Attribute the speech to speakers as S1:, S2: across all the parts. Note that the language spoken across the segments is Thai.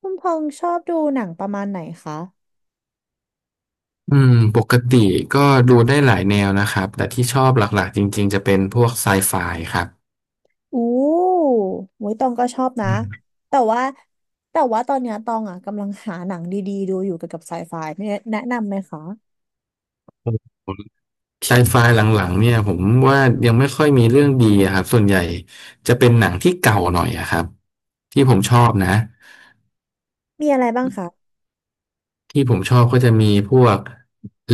S1: คุณพงษ์ชอบดูหนังประมาณไหนคะ
S2: ปกติก็ดูได้หลายแนวนะครับแต่ที่ชอบหลักๆจริงๆจะเป็นพวกไซไฟครับ
S1: อู้โว้ยตองก็ชอบนะ
S2: อืม
S1: แต่ว่าแต่ว่าตอนเนี้ยตองอ่ะกำลังหาหนังดีๆดูอยู่เกี่ยวกับไซไฟเนี่ยแนะนำไหมคะ
S2: ไซไฟหลังๆเนี่ยผมว่ายังไม่ค่อยมีเรื่องดีอะครับส่วนใหญ่จะเป็นหนังที่เก่าหน่อยอะครับที่ผมชอบนะ
S1: มีอะไรบ้างคะ
S2: ที่ผมชอบก็จะมีพวก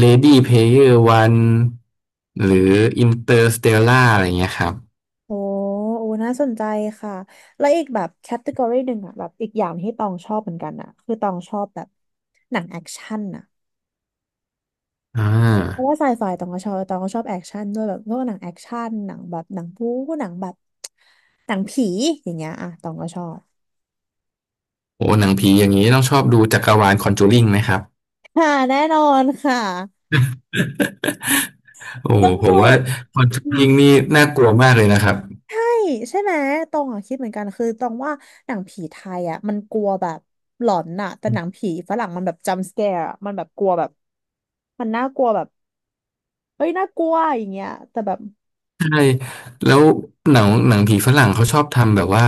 S2: Lady Player One หรือ Interstellar อะไรเงี้ยครับ
S1: โอ้โอ้น่าสนใจค่ะแล้วอีกแบบแคตตากรีหนึ่งอ่ะแบบอีกอย่างที่ตองชอบเหมือนกันอ่ะคือตองชอบแบบหนังแอคชั่นอ่ะ
S2: อ่
S1: เพราะ
S2: า
S1: ว่าไซไฟตองก็ชอบตองก็ชอบแอคชั่นด้วยแบบพวกหนังแอคชั่นหนังแบบหนังบู๊หนังแบบหนังผีอย่างเงี้ยอ่ะตองก็ชอบ
S2: โอ้หนังผีอย่างนี้ต้องชอบดูจักรวาล Conjuring ไหมครับ
S1: ค่ะแน่นอนค่ะ
S2: โอ้โห
S1: ต้อง
S2: ผ
S1: ดู
S2: มว่าคอนชู
S1: อืม
S2: ริงนี่น่ากลัวมากเลยนะครับ
S1: ใช่ใช่ไหมตองอะคิดเหมือนกันคือตองว่าหนังผีไทยอ่ะมันกลัวแบบหลอนน่ะแต่หนังผีฝรั่งมันแบบจัมป์สแกร์มันแบบกลัวแบบมันน่ากลัวแบบเฮ้ยน่ากลัวอย่างเงี้ยแต่แบบ
S2: แล้วหนังหนังผีฝรั่งเขาชอบทำแบบว่า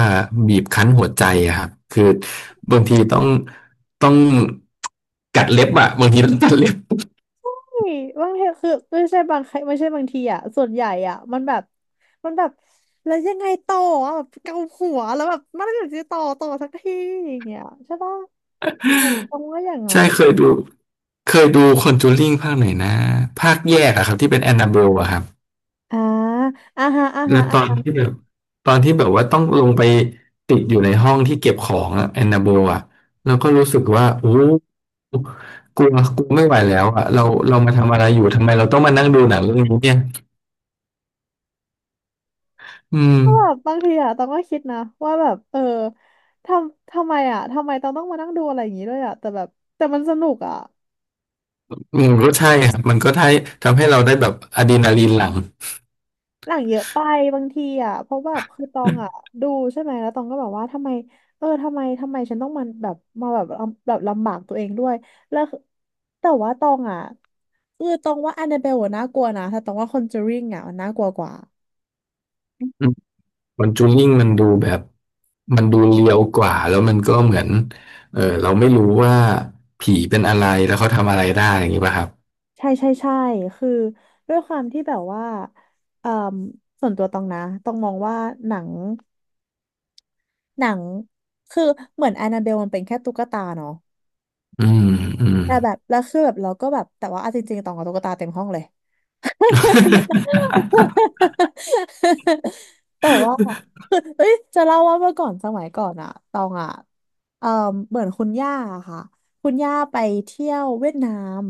S2: บีบคั้นหัวใจอะครับคือบางทีต้องต้องกัดเล็บอะบางทีต้องกัดเล็บ
S1: เฮ้ยบางทีคือไม่ใช่บางครั้งไม่ใช่บางทีอ่ะส่วนใหญ่อ่ะมันแบบมันแบบแล้วยังไงต่ออะแบบเกาหัวแล้วแบบมันไม่อยากจะต่อสักทีอย่างเงี้ยใช่ปะตองว่าอย่างนั้
S2: ใช่
S1: น
S2: เคยดูเคยดูคอนจูริงภาคไหนนะภาคแยกอะครับที่เป็นแอนนาเบลอะครับ
S1: อ่าอ่าฮะอ่า
S2: แล้
S1: ฮะ
S2: วตอนที่แบบตอนที่แบบว่าต้องลงไปติดอยู่ในห้องที่เก็บของอะแอนนาโบอะเราก็รู้สึกว่าโอ้กลัวกลัวไม่ไหวแล้วอะเราเรามาทำอะไรอยู่ทำไมเราต้องมานั่งดูหนังเรื่องนี้เนี่ยอืม
S1: ก็แบบบางทีอะต้องก็คิดนะว่าแบบเออทำไมอะทำไมต้องมานั่งดูอะไรอย่างงี้ด้วยอะแต่แบบแต่มันสนุกอะ
S2: มันก็ใช่ครับมันก็ทำทำให้เราได้แบบอะดรีนาลีนหลั่ง
S1: หนังเยอะไปบางทีอะเพราะแบบคือตองอะดูใช่ไหมแล้วตองก็แบบว่าทำไมเออทำไมฉันต้องมาแบบมาแบบลำแบบลำบากตัวเองด้วยแล้วคือแต่ว่าตองอะคือตองว่าแอนนาเบลน่ากลัวนะแต่ตองว่าคอนเจอริงอะมันน่ากลัวกว่า
S2: อืมคอนจูริ่งมันดูแบบมันดูเรียวกว่าแล้วมันก็เหมือนเออเราไม่รู้ว่าผีเป็นอะไรแล้วเขาทำอะไรได้อย่างนี้ป่ะครับ
S1: ใช่ใช่ใช่คือด้วยความที่แบบว่าเอ่อส่วนตัวตองนะต้องมองว่าหนัง หนังคือเหมือนแอนนาเบลมันเป็นแค่ตุ๊กตาเนาะ
S2: อืมอืม
S1: แต่แบบแล้วคือแบบเราก็แบบแต่ว่าเอาจริงๆตองกับตุ๊กตาเต็มห้องเลย แต่ว่า เอ้ยจะเล่าว่าเมื่อก่อนสมัยก่อนอะตองอะเอ่อเหมือนคุณย่าอะค่ะคุณย่าไปเที่ยวเวียดนาม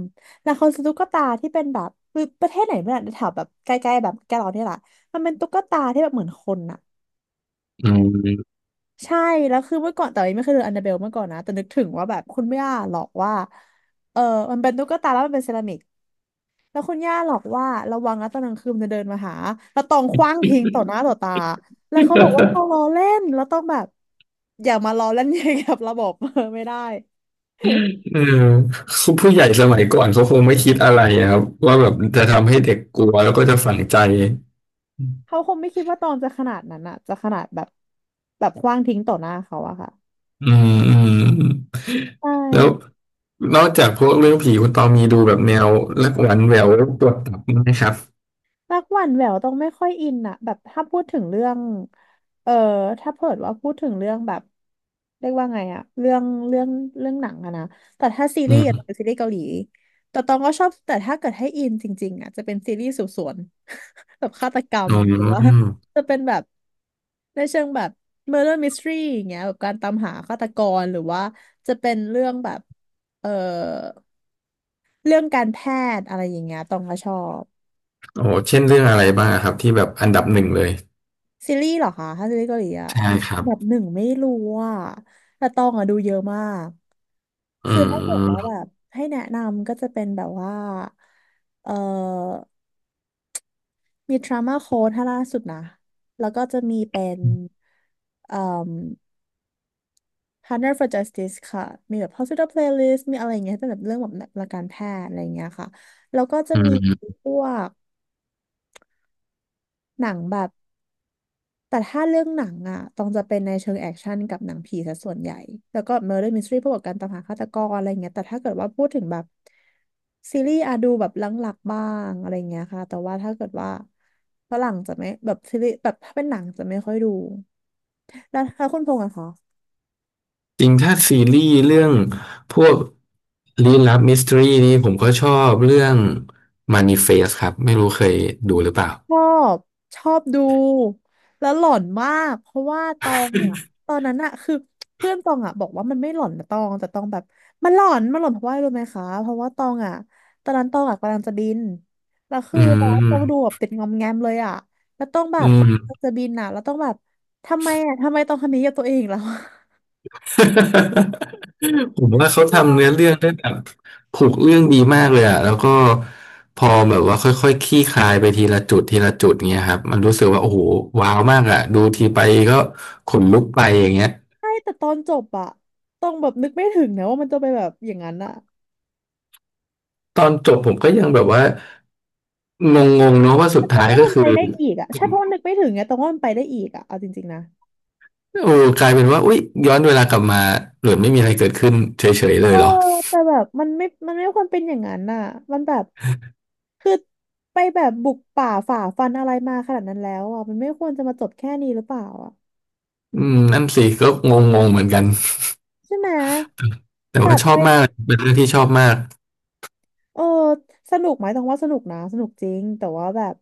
S1: แล้วเขาซื้อตุ๊กตาที่เป็นแบบคือประเทศไหนไม่รู้อะแถวแบบใกล้ๆแบบแกเราเนี่ยแหละมันเป็นตุ๊กตาที่แบบเหมือนคนอะ
S2: อืม
S1: ใช่แล้วคือเมื่อก่อนแต่ไม่เคยเจออันนาเบลเมื่อก่อนนะแต่นึกถึงว่าแบบคุณย่าหลอกว่าเออมันเป็นตุ๊กตาแล้วมันเป็นเซรามิกแล้วคุณย่าหลอกว่าระวังนะตอนกลางคืนมันจะเดินมาหาแล้วตองขว้างทิ้งต่อหน้าต่อตาแล้วเขาบอกว่าเขาล้อเล่นแล้วต้องแบบอย่ามาล้อเล่น อย่างกับระบบ เออไม่ได้
S2: เออผู้ใหญ่สมัยก่อนเขาคงไม่คิดอะไรอะครับว่าแบบจะทำให้เด็กกลัวแล้วก็จะฝังใจ
S1: เขาคงไม่คิดว่าตองจะขนาดนั้นอะจะขนาดแบบแบบขว้างทิ้งต่อหน้าเขาอะค่ะ
S2: อืมอืมอืม
S1: ใช
S2: แล้ว
S1: ่
S2: นอกจากพวกเรื่องผีคุณตองมีดูแบบแนวรักหวานแหววปวดตับไหมครับ
S1: รักหวานแหววต้องไม่ค่อยอินอะแบบถ้าพูดถึงเรื่องเออถ้าเผิดว่าพูดถึงเรื่องแบบเรียกว่าไงอะเรื่องเรื่องหนังอะนะแต่ถ้าซี
S2: อื
S1: รีส์อะจะเป็น
S2: ม
S1: ซีรีส์เกาหลีแต่ตองก็ชอบแต่ถ้าเกิดให้อินจริงๆอะจะเป็นซีรีส์สืบสวน แบบฆาตกรร
S2: อ๋
S1: มหรือว่า
S2: อ
S1: จะเป็นแบบในเชิงแบบ murder mystery อย่างเงี้ยแบบการตามหาฆาตกรหรือว่าจะเป็นเรื่องแบบเออเรื่องการแพทย์อะไรอย่างเงี้ยตองก็ชอบ
S2: โอ้เช่นเรื่องอะไรบ้างอะครับที่แบบอันดับหนึ่งเลย
S1: ซีรีส์เหรอคะถ้าซีรีส์เกาหลีอะ
S2: ใช่ครับ
S1: แบบหนึ่งไม่รู้อ่ะแต่ตองอะดูเยอะมาก
S2: อื
S1: คือถ้าเกิดว่าแบ
S2: ม
S1: บให้แนะนำก็จะเป็นแบบว่า เอ่อ มีทรามาโค้ดถ้าล่าสุดนะ แล้วก็จะมีเป็นเอ่ม Partner for Justice ค่ะ มีแบบ Hospital Playlist มีอะไรอย่างเงี้ยเป็นแบบเรื่องแบบหลักการแพทย์อะไรอย่างเงี้ยค่ะ แล้วก็จะ
S2: อื
S1: มี
S2: ม
S1: พวกหนังแบบ แต่ถ้าเรื่องหนังอ่ะต้องจะเป็นในเชิงแอคชั่นกับหนังผีซะส่วนใหญ่ แล้วก็ Murder Mystery พวกกับการตามหาฆาตกรอะไรเงี้ยแต่ถ้าเกิดว่าพูดถึงแบบซีรีส์อะดูแบบหลังๆบ้างอะไรเงี้ยค่ะแต่ว่าถ้าเกิดว่าฝรั่งจะไม่แบบซีรีส์แบบถ้าเป็นหนังจะไม่ค่อยดู แล้วถ้าคุณพงษ์อะคะ
S2: จริงถ้าซีรีส์เรื่องพวกลี้ลับมิส t ทรีนี่ผมก็ชอบเรื่อง Manifest ครับไม่รู้เคยดูหรือเปล่า
S1: ชอบชอบดูแล้วหลอนมากเพราะว่าตองอะตอนนั้นอะคือเพื่อนตองอะบอกว่ามันไม่หลอนนะตองแต่ตองแบบมันหลอนเพราะว่าอะไรรู้ไหมคะเพราะว่าตองอะตอนนั้นตองอะกำลังจะบินแล้วคื
S2: อื
S1: อตองดูแบ
S2: ม
S1: บติดงอมแงมเลยอะแล้วต้องแบ
S2: อื
S1: บ
S2: ม
S1: จะบินอะแล้วต้องแบบทำไมอะทำไมต้องทำนี้กับตัวเองแล้ว
S2: ผมว่าเขา
S1: ใช่
S2: ทำ
S1: ปะ
S2: เนื้อเรื่องได้แบบผูกเรื่องดีมากเลยอะแล้วก็พอแบบว่าค่อยๆคลี่คลายไปทีละจุดทีละจุดเงี้ยครับมันรู้สึกว่าโอ้โหว้าวมากอะดูทีไปก็ขนลุกไปอย่างเงี้ย
S1: ใช่แต่ตอนจบอะต้องแบบนึกไม่ถึงนะว่ามันจะไปแบบอย่างนั้นอะ
S2: ตอนจบผมก็ยังแบบว่างงๆเนาะว่าสุ
S1: แต่
S2: ด
S1: ตอ
S2: ท้า
S1: ง
S2: ย
S1: ว่า
S2: ก็
S1: มัน
S2: คื
S1: ไป
S2: อ
S1: ได้อีกอะใช่เพราะว่านึกไม่ถึงไงตองว่ามันไปได้อีกอะเอาจริงๆนะ
S2: โอ้กลายเป็นว่าอุยย้อนเวลากลับมาหรือไม่มีอะไรเกิดขึ้นเฉยๆเล
S1: เอ
S2: ย
S1: อ
S2: เหรอ
S1: แต่แบบมันไม่ควรเป็นอย่างนั้นน่ะมันแบบคือไปแบบบุกป่าฝ่าฟันอะไรมาขนาดนั้นแล้วอ่ะมันไม่ควรจะมาจบแค่นี้หรือเปล่าอ่ะ
S2: นั่นสิก็งงๆเหมือนกัน
S1: ใช่ไหม
S2: แต่
S1: แบ
S2: ว่า
S1: บ
S2: ชอ
S1: ไป
S2: บมากเป็นเรื่องที่ชอบมาก
S1: เออสนุกไหมต้องว่าสนุกนะสนุกจริงแต่ว่าแบบ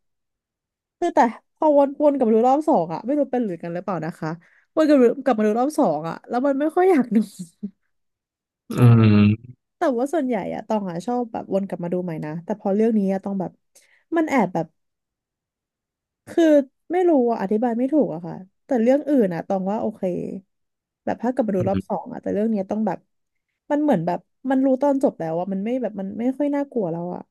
S1: คือแต่พอวนกลับมาดูรอบสองอ่ะไม่รู้เป็นหรือกันหรือเปล่านะคะวนกลับมาดูรอบสองอ่ะแล้วมันไม่ค่อยอยากดู
S2: อืม
S1: แต่ว่าส่วนใหญ่อะตองอะชอบแบบวนกลับมาดูใหม่นะแต่พอเรื่องนี้อะตองแบบมันแอบแบบ คือไม่รู้อะอธิบายไม่ถูกอะค่ะแต่เรื่องอื่นอะตองว่าโอเคแบบถ้ากลับมาดู
S2: อื
S1: รอบส
S2: ม
S1: องอะแต่เรื่องเนี้ยต้องแบบมันเหมือนแบบมันรู้ตอนจบแล้วอะมันไม่แบบมันไม่ค่อยน่ากลัวแล้วอะ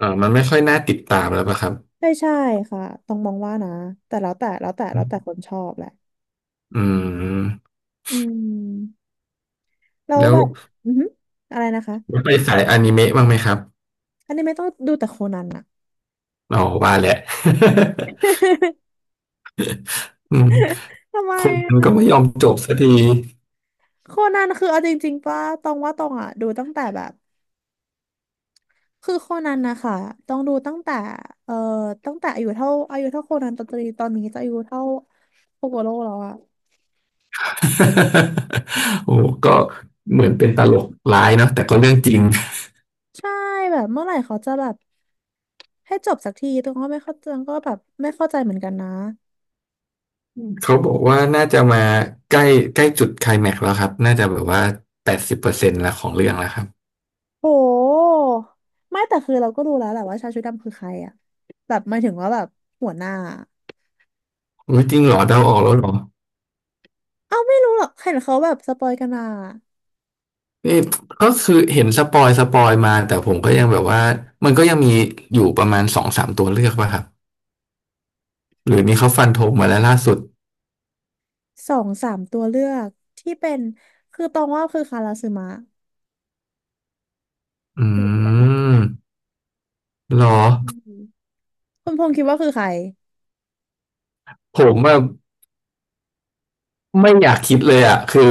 S2: มันไม่ค่อยน่าติดตามแล้วปะครับ
S1: ใช่ใช่ค่ะต้องมองว่านะแต่แล้วแต่แล้วแต่แล้วแต่คนชอบแหละ
S2: อืม
S1: อืมแล้ว
S2: แล้ว
S1: แบบอือหืออะไรนะคะ
S2: แล้วไปสายอนิเมะบ้างไหมครับ
S1: อันนี้ไม่ต้องดูแต่โคนันอะ
S2: อ๋อว่าแหละ อืม
S1: ทำไม
S2: คนมัน
S1: อะ
S2: ก็ไม่ยอมจบสักที
S1: โคนันคือเอาจริงๆป่ะตองว่าตองอะดูตั้งแต่แบบ คือโคนันนะคะต้องดูตั้งแต่เอ่อตั้งแต่อายุเท่าอายุเท่าโคนันตอนนี้ตอนนี้จะอายุเท่าโคโกโร่แล้วอะ
S2: โอ้ก็เหมือนเป็นตลกร้ายเนาะแต่ก็เรื่องจริง
S1: ใช่แบบเมื่อไหร่เขาจะแบบให้จบสักทีตรงก็ไม่เข้าใจก็แบบไม่เข้าใจเหมือนกันนะ
S2: เขาบอกว่าน่าจะมาใกล้ใกล้จุดไคลแม็กซ์แล้วครับน่าจะแบบว่า80%ละของเรื่องแล้วครับ
S1: โหไม่แต่คือเราก็รู้แล้วแหละว่าชายชุดดำคือใครอะแบบหมายถึงว่าแบบหัวหน้า
S2: อุ๊ยจริงเหรอเดาออกแล้วเหรอ
S1: เอ้าไม่รู้หรอกเห็นเขาแบบสปอยกันมา
S2: นี่ก็คือเห็นสปอยสปอยมาแต่ผมก็ยังแบบว่ามันก็ยังมีอยู่ประมาณสองสามตัวเลือกป่ะครับหรือนี่เขาฟันธงมาแล้วล่าสุด
S1: สองสามตัวเลือกที่เป็นคือตองว่าคือคาราซึมะ
S2: อืมเหรอ
S1: อืมคุณพงษ์คิดว่าคือใคร
S2: ผมว่าไม่อยากคิดเลยอ่ะคือ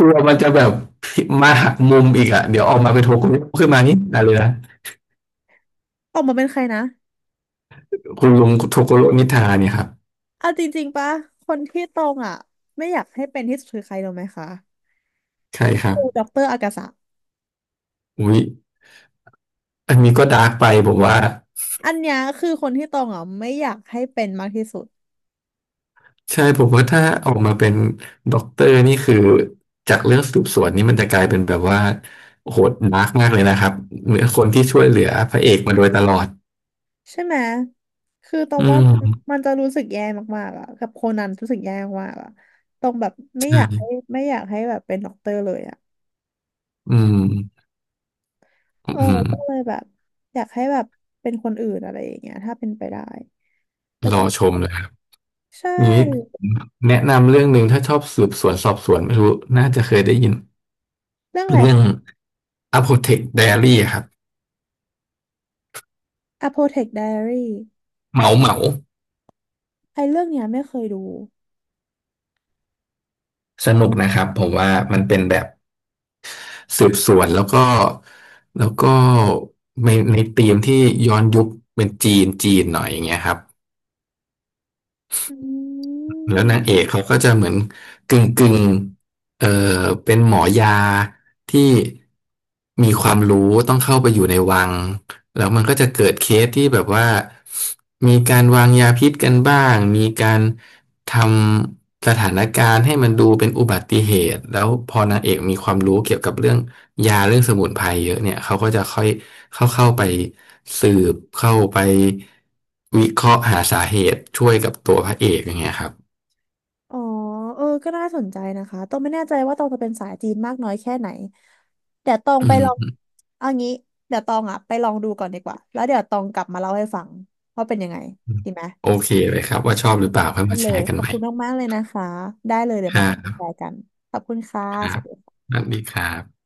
S2: กลัวมันจะแบบมาหักมุมอีกอ่ะเดี๋ยวออกมาเป็นโทโกโร่ขึ้นมานี่ได้เลยนะ
S1: ออกมาเป็นใครนะ
S2: คุณลุงโทโกโร่นิทาเนี่ยครับ
S1: เอาจริงๆปะ คนที่ตรงอ่ะไม่อยากให้เป็นที่สุดคือใครรู้ไหมคะ
S2: ใช่ครับ
S1: คือด็อกเตอร์อากาสะ
S2: อุ๊ยอันนี้ก็ดาร์กไปผมว่า
S1: อันเนี้ยคือคนที่ตรงอ่ะไม่อยากให้เป็นมากที่สุด
S2: ใช่ผมว่าถ้าออกมาเป็นด็อกเตอร์นี่คือจากเรื่องสืบสวนนี่มันจะกลายเป็นแบบว่าโหดดาร์กมากเลยนะครับเหมือนคนที่ช่วยเหลือพระเอกมาโดยตลอด
S1: ใช่ไหม คือตรง
S2: อื
S1: ว่ามัน
S2: ม
S1: มันจะรู้สึกแย่มากๆอ่ะกับโคนันรู้สึกแย่มากๆอ่ะตรงแบบไม่อยาก
S2: ใช่
S1: ให้ไม่อยากให้แบบเป็นด็อกเตอร์เลยอ่ะ
S2: อืมอื
S1: เออก็เล
S2: ม
S1: ยแบบอยากให้แบบเป็นคนอื่นอะไรอย่างเงี้ยถ้าเป็นไปได้แต่
S2: ร
S1: ก็
S2: อ
S1: ไม่
S2: ชมเลยครับ
S1: ใช่
S2: นี้ผมแนะนำเรื่องหนึ่งถ้าชอบสืบสวนสอบสวนไม่รู้น่าจะเคยได้ยิน
S1: เรื่องอะไร
S2: เรื่อง
S1: คะ
S2: Apothec Diary ครับ
S1: Apotec Diary
S2: เหมาเหมา
S1: ไอ้เรื่องเนี้ยไม่เคยดู
S2: สนุกนะครับผมว่ามันเป็นแบบ สืบสวนแล้วก็แล้วก็ในในธีมที่ย้อนยุคเป็นจีนจีนหน่อยอย่างเงี้ยครับ
S1: อื
S2: แล้วนาง
S1: ม
S2: เอกเขาก็จะเหมือนกึ่งกึ่งเออเป็นหมอยาที่มีความรู้ต้องเข้าไปอยู่ในวัง แล้วมันก็จะเกิดเคสที่แบบว่ามีการวางยาพิษกันบ้างมีการทำสถานการณ์ให้มันดูเป็นอุบัติเหตุ แล้วพอนางเอกมีความรู้เกี่ยวกับเรื่องยาเรื่องสมุนไพรเยอะเนี่ยเขาก็จะค่อยเข้าเข้าไปสืบเข้าไปวิเคราะห์หาสาเหตุช่วยกับตัวพระเอกอย่างเงี้ยครับ
S1: อ๋อเออก็น่าสนใจนะคะตองไม่แน่ใจว่าตองจะเป็นสายจีนมากน้อยแค่ไหนเดี๋ยวตอง
S2: อื
S1: ไปลอง
S2: ม
S1: เอางี้เดี๋ยวตองอ่ะไปลองดูก่อนดีกว่า แล้วเดี๋ยวตองกลับมาเล่าให้ฟังว่าเป็นยังไง
S2: อืม
S1: ดีไหม
S2: โอเคเลยครับว่า
S1: โอ
S2: ชอบ
S1: เค
S2: หรือเปล่าค่อ
S1: ได้
S2: ยมา
S1: เล
S2: แช
S1: ย
S2: ร์กั
S1: ข
S2: น
S1: อ
S2: ให
S1: บ
S2: ม่
S1: คุณมากๆเลยนะคะได้เลยเดี๋ยว
S2: ค
S1: มา
S2: รั
S1: กลับมาแช
S2: บ
S1: ร์กันขอบคุณค่ะ
S2: ค
S1: ส
S2: รับ
S1: วัสดีค่ะ
S2: สวัสดีครับ